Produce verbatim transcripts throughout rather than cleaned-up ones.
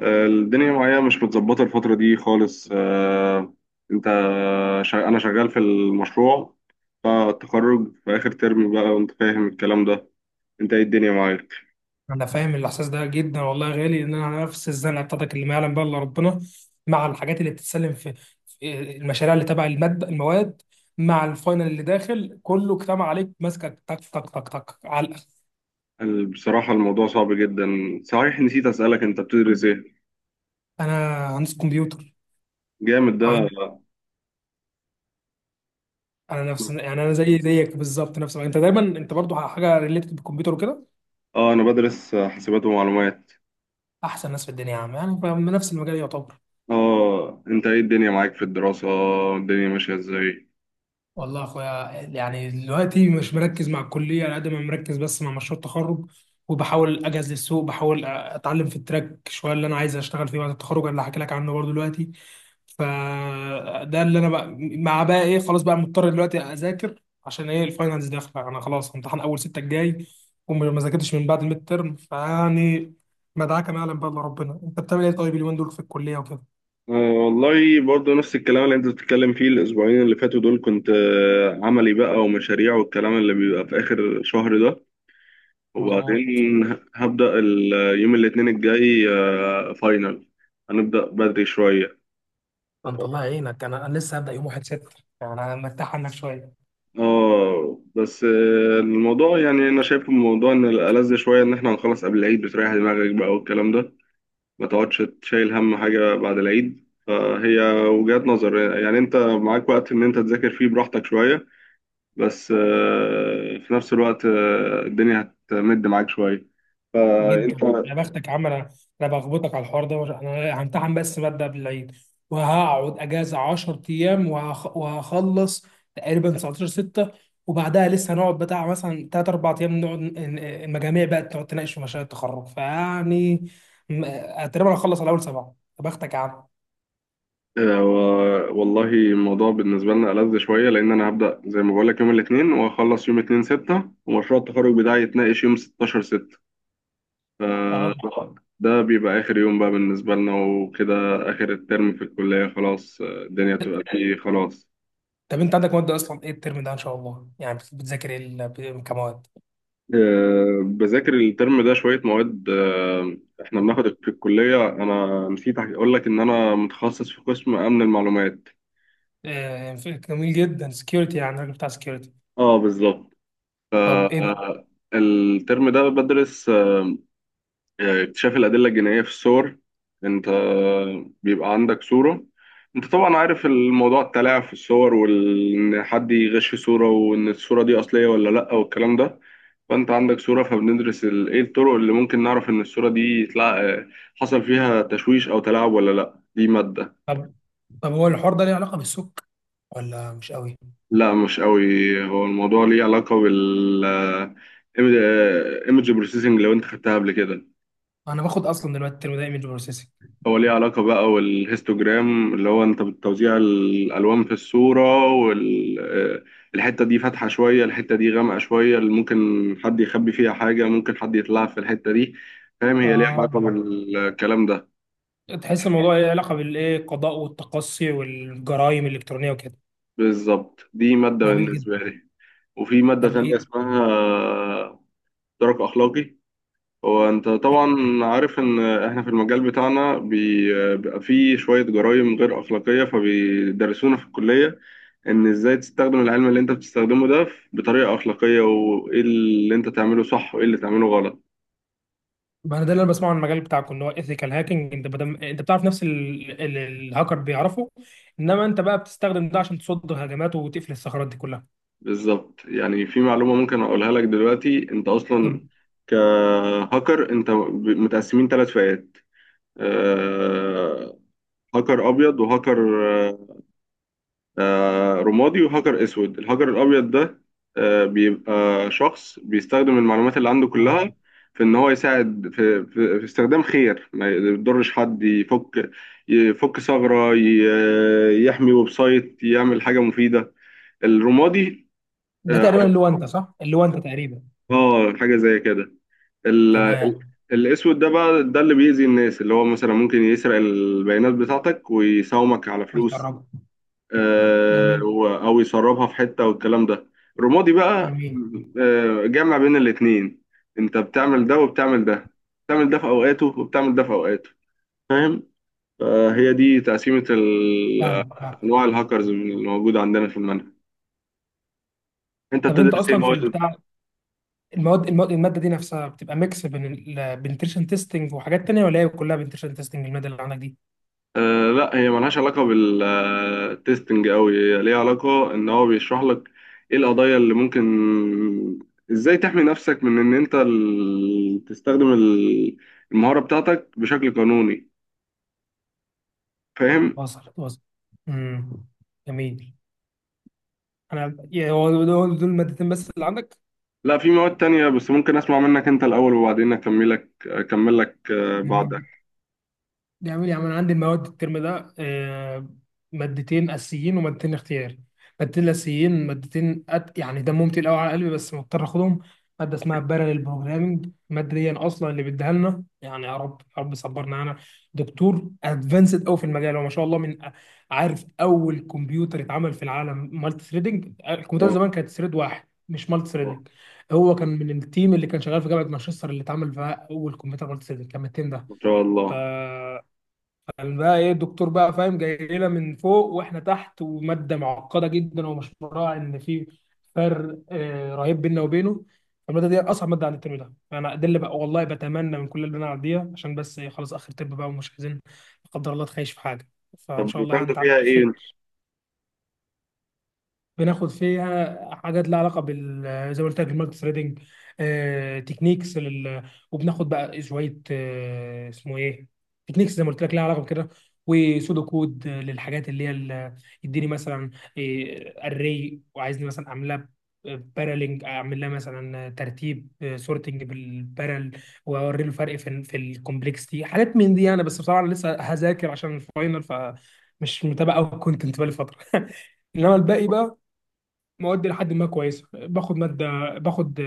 آه، الدنيا معايا مش متظبطة الفترة دي خالص. آه، انت شا... انا شغال في المشروع. فالتخرج في اخر ترم بقى، وانت فاهم الكلام ده. انت ايه الدنيا معاك؟ انا فاهم الاحساس ده جدا، والله يا غالي ان انا على نفس الزنقه بتاعتك اللي ما يعلم بها الا ربنا، مع الحاجات اللي بتتسلم في في المشاريع اللي تبع الماد المواد، مع الفاينل اللي داخل كله كتام عليك ماسكك تك تك تك تك على الأخر. ال- بصراحة الموضوع صعب جدا. صحيح نسيت اسألك، انت بتدرس ايه؟ انا هندسه كمبيوتر. جامد ده. عن- انا نفس، يعني انا زي زيك بالظبط، نفس انت دايما، انت برضو حاجه ريليتد بالكمبيوتر وكده. اه، انا بدرس حاسبات ومعلومات. احسن ناس في الدنيا يا عم، يعني فاهم، نفس المجال يعتبر. اه، انت ايه الدنيا معاك في الدراسة؟ الدنيا ماشية ازاي؟ والله يا اخويا يعني دلوقتي مش مركز مع الكليه على قد ما مركز بس مع مشروع التخرج، وبحاول اجهز للسوق، بحاول اتعلم في التراك شويه اللي انا عايز اشتغل فيه بعد التخرج، اللي هحكي لك عنه برضه دلوقتي. فده اللي انا بقى، مع بقى ايه، خلاص بقى مضطر دلوقتي اذاكر عشان ايه الفاينلز داخله، انا خلاص امتحان اول ستة الجاي، وما ذاكرتش من بعد الميد ترم، فيعني مدعكه ما يعلم بقى الا ربنا. انت بتعمل ايه طيب اليومين دول في الكليه وكده؟ آه، والله برضه نفس الكلام اللي انت بتتكلم فيه. الاسبوعين اللي فاتوا دول كنت آه، عملي بقى ومشاريع، والكلام اللي بيبقى في اخر شهر ده. مظبوط. وبعدين هبدأ ال- آه، يوم الاثنين الجاي، آه، فاينل. هنبدأ بدري شوية. انت الله يعينك، انا انا لسه هبدا يوم الاول ستة، يعني انا مرتاح عنك شويه. اه، بس آه، الموضوع يعني انا شايف الموضوع ان الألذ شوية ان احنا هنخلص قبل العيد، بتريح دماغك بقى والكلام ده. ما تقعدش تشيل هم حاجة بعد العيد. فهي وجهات نظر. يعني انت معاك وقت ان انت تذاكر فيه براحتك شوية. بس آه، في نفس الوقت آه، الدنيا هتمد معاك شوية. فأنت. جدا يا بختك يا عم. انا انا بخبطك على الحوار ده، انا همتحن بس ماده قبل العيد، وهقعد اجازه عشر ايام وهخ- وهخلص تقريبا تسعتاشر ستة، وبعدها لسه هنقعد بتاع مثلا ثلاثة اربعة ايام نقعد ن- ن- المجاميع بقى تقعد تناقش في مشاريع التخرج، فيعني م- تقريبا هخلص على اول سبعه. يا بختك يا عم. آه، و- والله الموضوع بالنسبة لنا ألذ شوية، لأن أنا هبدأ زي ما بقولك يوم الاثنين، وأخلص يوم اتنين ستة، ومشروع التخرج بتاعي يتناقش يوم ستاشر ستة. اه. ف- ده بيبقى آخر يوم بقى بالنسبة لنا وكده. آخر الترم في الكلية خلاص. آه، الدنيا بتبقى فيه خلاص. طب انت عندك مواد اصلا ايه الترم ده ان شاء الله؟ يعني بت- بتذاكر ايه ال- ب- كمواد؟ آه، بذاكر الترم ده شوية مواد. آه، احنا بناخد في الكلية. انا نسيت اقول لك ان انا متخصص في قسم امن المعلومات. آه، جميل جدا، سكيورتي، يعني الراجل بتاع سكيورتي. اه، بالظبط. طب ايه؟ آه، الترم ده بدرس اكتشاف الأدلة الجنائية في الصور. أنت بيبقى عندك صورة. أنت طبعا عارف الموضوع، التلاعب في الصور، وإن حد يغش في صورة، وإن الصورة دي أصلية ولا لأ والكلام ده. فأنت عندك صورة، فبندرس ال- إيه الطرق اللي ممكن نعرف إن الصورة دي تلع... حصل فيها تشويش أو تلاعب ولا لأ. دي مادة. طب طب هو الحوار ده ليه علاقة بالسك، ولا مش قوي؟ لا، مش قوي. هو الموضوع ليه علاقة بال آه، image processing لو أنت خدتها قبل كده. انا باخد اصلا دلوقتي الترم ده ايمج بروسيسنج. هو ليه علاقة بقى، والهيستوجرام اللي هو انت بتوزيع الألوان في الصورة، والحتة دي فاتحة شوية، الحتة دي غامقة شوية، اللي ممكن حد يخبي فيها حاجة، ممكن حد يطلع في الحتة دي. فاهم؟ هي ليه اه، علاقة بالكلام ده. تحس الموضوع ليه علاقة بالايه، القضاء والتقصي والجرائم الالكترونية وكده. بالظبط. دي مادة جميل جدا. بالنسبة لي. وفي مادة طب تانية ايه؟ اسمها درك أخلاقي. هو انت طبعا عارف ان احنا في المجال بتاعنا بي- بيبقى فيه شوية جرائم غير اخلاقية، فبيدرسونا في الكلية ان ازاي تستخدم العلم اللي انت بتستخدمه ده بطريقة اخلاقية، وايه اللي انت تعمله صح وايه اللي تعمله غلط. ما انا ده اللي انا بسمعه عن المجال بتاعكم، اللي هو ايثيكال هاكينج، انت بدم... انت بتعرف نفس ال... ال... الهاكر بيعرفه، انما انت بقى بتستخدم ده عشان تصد هجمات وتقفل الثغرات دي كلها. بالظبط. يعني في معلومة ممكن اقولها لك دلوقتي. انت طب. اصلا كهاكر انت ب- متقسمين ثلاث فئات. آه، هاكر ابيض، وهاكر آه، رمادي، وهجر اسود. الهجر الابيض ده آه، بيبقى شخص بيستخدم المعلومات اللي عنده كلها آه. في ان هو يساعد في, في, في استخدام خير، ما يضرش حد. يفك يفك ثغرة، ي- يحمي ويب سايت، يعمل حاجة مفيدة. الرمادي. ده تقريبا اه، اللي هو انت، صح، اللي هو انت تقريبا. آه، حاجة زي كده. ال- تمام. الاسود ده بقى، ده اللي بيأذي الناس. اللي هو مثلا ممكن يسرق البيانات بتاعتك، ويساومك على كويس يا فلوس. رب. آه، جميل. و- او يسربها في حته والكلام ده. رمادي بقى، جميل. آه، جمع بين الاتنين. انت بتعمل ده وبتعمل ده. بتعمل ده في اوقاته وبتعمل ده في اوقاته. فاهم؟ فهي دي تقسيمه ال- فاهمك فاهمك. انواع الهاكرز من اللي موجوده عندنا في المنهج. انت طب انت بتدرس ايه اصلا في مواد؟ البتاع، المواد المواد الماده دي نفسها بتبقى ميكس بين البنتريشن تيستنج وحاجات تانية، ولا هي كلها بنتريشن تيستنج الماده اللي عندك دي؟ آه لا، هي ملهاش علاقة بالتستنج أوي. هي ليها علاقة إن هو بيشرح لك إيه القضايا اللي ممكن، إزاي تحمي نفسك من إن أنت ال- تستخدم ال- المهارة بتاعتك بشكل قانوني. فاهم؟ وصل وصل. امم جميل. انا يا- هو دول دول المادتين بس اللي عندك؟ لا، في مواد تانية. بس ممكن أسمع منك أنت الأول، وبعدين أكملك، أكمل لك آه، بعدها. جميل. بيعمل يا عم، انا عندي المواد الترم ده، آه، مادتين اساسيين ومادتين اختياري. مادتين الاساسيين، مادتين أت... يعني دمهم تقيل قوي على قلبي بس مضطر اخدهم. ماده اسمها باراليل بروجرامنج، الماده دي اصلا اللي بيديها لنا، يعني يا رب يا رب صبرنا، انا دكتور ادفانسد قوي في المجال، هو ما شاء الله من أ- عارف اول كمبيوتر اتعمل في العالم مالتي ثريدنج، الكمبيوتر آه، زمان كانت ثريد واحد مش مالتي آه، ثريدنج. هو كان من التيم اللي كان شغال في جامعه مانشستر، اللي اتعمل فيها اول كمبيوتر مالتي ثريدنج، كان من التيم ده. إن شاء الله. كان بقى ايه الدكتور بقى، فاهم، جاي لنا من فوق واحنا تحت، وماده معقده جدا، ومش مراعي ان في فرق آه، رهيب بيننا وبينه. الماده دي اصعب ماده عندي الترم ده، فانا ده اللي بقى، والله بتمنى من كل اللي انا اعديها، عشان بس إيه، خلاص اخر ترم بقى، ومش عايزين لا قدر الله تخيش في حاجه، فان طب شاء الله يعني بتاخدوا تعدي فيها على إيه؟ أنت؟ خير. بناخد فيها حاجات لها علاقه بال، زي ما قلت لك، المالتي ثريدنج، آه، تكنيكس لل... وبناخد بقى شويه، آه، اسمه ايه، تكنيكس زي ما قلت لك لها علاقه بكده، وسودو كود للحاجات اللي هي ال- يديني مثلا اري وعايزني مثلا اعملها بارالينج، اعمل لها مثلا ترتيب سورتنج بالبارل، واوري له فرق في في الكومبلكسيتي، حاجات من دي. انا بس بصراحه أنا لسه هذاكر عشان الفاينل، فمش متابع قوي الكونتنت بقالي فتره انما الباقي بقى مواد لحد ما كويسه. باخد ماده، باخد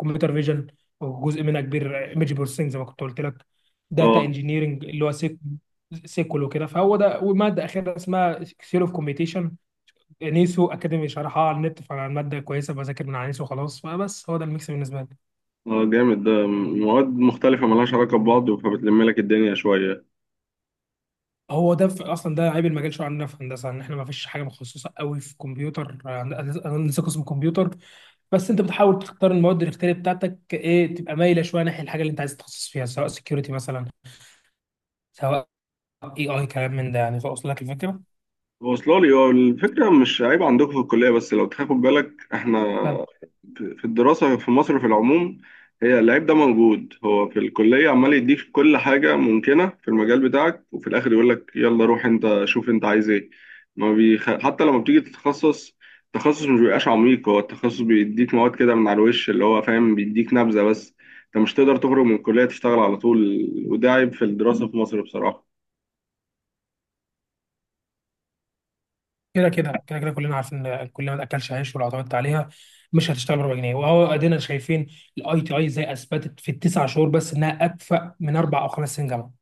كمبيوتر فيجن، وجزء منها كبير ايمج بروسيسنج زي ما كنت قلت لك. داتا آه، انجينيرنج، اللي هو سيك سيكول وكده، فهو ده، وماده اخيره اسمها سيول اوف كومبيتيشن، نيسو اكاديمي شرحها على النت، فالماده كويسه، بذاكر من على نيسو خلاص، فبس هو ده الميكس بالنسبه لي. آه، جامد ده. مواد مختلفة ملهاش علاقة ببعض فبتلم لك الدنيا شوية. هو ده في اصلا ده عيب المجال شويه عندنا في هندسه، ان احنا ما فيش حاجه متخصصه قوي في كمبيوتر، آه، انا لسه قسم كمبيوتر، بس انت بتحاول تختار المواد الاختياريه بتاعتك ايه، تبقى مايله شويه ناحيه الحاجه اللي انت عايز تتخصص فيها، سواء سكيورتي مثلا، سواء اي اي كلام من ده يعني، فاوصل لك الفكره؟ واصله لي. هو الفكره مش عيب عندكم في الكليه بس لو تاخد بالك، احنا طب في في الدراسه في مصر في العموم. هي العيب ده موجود. هو في الكليه عمال يديك كل حاجه ممكنه في المجال بتاعك، وفي الاخر يقول لك يلا روح انت شوف انت عايز ايه. ما بيخ... حتى لما بتيجي تتخصص التخصص مش بيبقاش عميق. هو التخصص بيديك مواد كده من على الوش، اللي هو فاهم بيديك نبذه بس. انت مش تقدر تخرج من الكليه تشتغل على طول، وده عيب في الدراسه في مصر بصراحه. كده كده كده كده كلنا عارفين ان كل ما تاكلش عيش، ولو اعتمدت عليها مش هتشتغل، ب اربع جنيه وهو ادينا شايفين، الاي تي اي زي اثبتت في التسع شهور بس انها اكفأ من اربع او خمس سنين جامعه.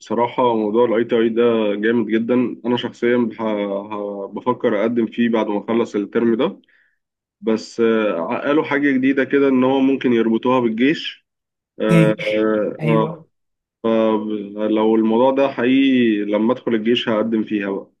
بصراحة موضوع ال آي تي آي ده جامد جدا. أنا شخصيا بح- ه- بفكر أقدم فيه بعد ما أخلص الترم ده. بس آه، قالوا حاجة جديدة كده، إن هو ممكن يربطوها بالجيش. آه، جيش؟ آه، آه، ايوه. فلو الموضوع ده حقيقي لما أدخل الجيش هقدم فيها بقى.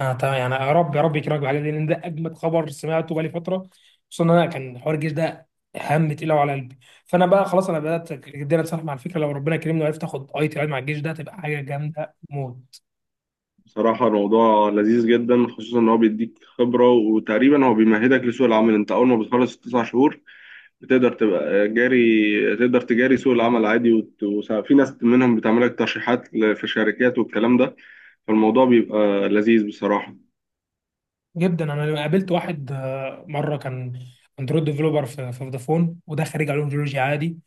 اه تمام، يعني يا رب يا رب يكرمك بالحاجات دي، لان ده اجمد خبر سمعته بقالي فتره، خصوصا ان انا كان حوار الجيش ده هم تقيل قوي على قلبي، فانا بقى خلاص انا بدات جدا اتصالح مع الفكره، لو ربنا كرمني وعرفت اخد اي تي اي مع الجيش ده، تبقى حاجه جامده موت. بصراحة الموضوع لذيذ جدا، خصوصا إن هو بيديك خبرة، وتقريبا هو بيمهدك لسوق العمل. أنت أول ما بتخلص التسع شهور بتقدر تبقى جاري، تقدر تجاري سوق العمل عادي. وت- وس- في ناس منهم بتعمل لك ترشيحات ل- في شركات والكلام ده. فالموضوع بيبقى لذيذ بصراحة. جدا. انا قابلت واحد آه، مره، كان اندرويد ديفلوبر في في فودافون، وده خريج علوم جيولوجيا عادي،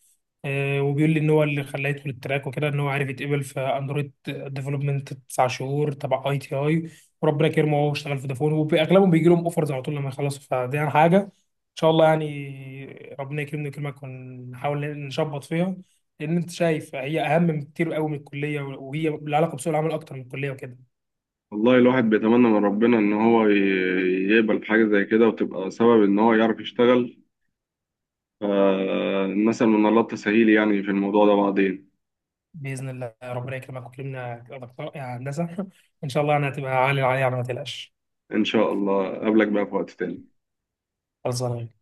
آه، وبيقول لي ان هو اللي خلاه يدخل التراك وكده، ان هو عارف يتقبل في اندرويد ديفلوبمنت تسع شهور تبع اي تي اي، وربنا كرمه وهو اشتغل في فودافون. واغلبهم بيجي لهم اوفرز على طول لما يخلصوا، فدي يعني حاجه ان شاء الله، يعني ربنا يكرمني ويكرمك ونحاول نشبط فيها، لان انت شايف هي اهم بكتير قوي من الكليه، وهي لها علاقه بسوق العمل اكتر من الكليه وكده. والله الواحد بيتمنى من ربنا إن هو ي- يقبل حاجة زي كده، وتبقى سبب إن هو يعرف يشتغل. فالمثل من الله التسهيل يعني في الموضوع ده بعدين. باذن الله، ربنا يكرمك ويكرمنا يا دكتور يا هندسه ان شاء الله انا هتبقى عالي العالي، على ما تقلقش. إن شاء الله أقابلك بقى في وقت تاني. خلصانه.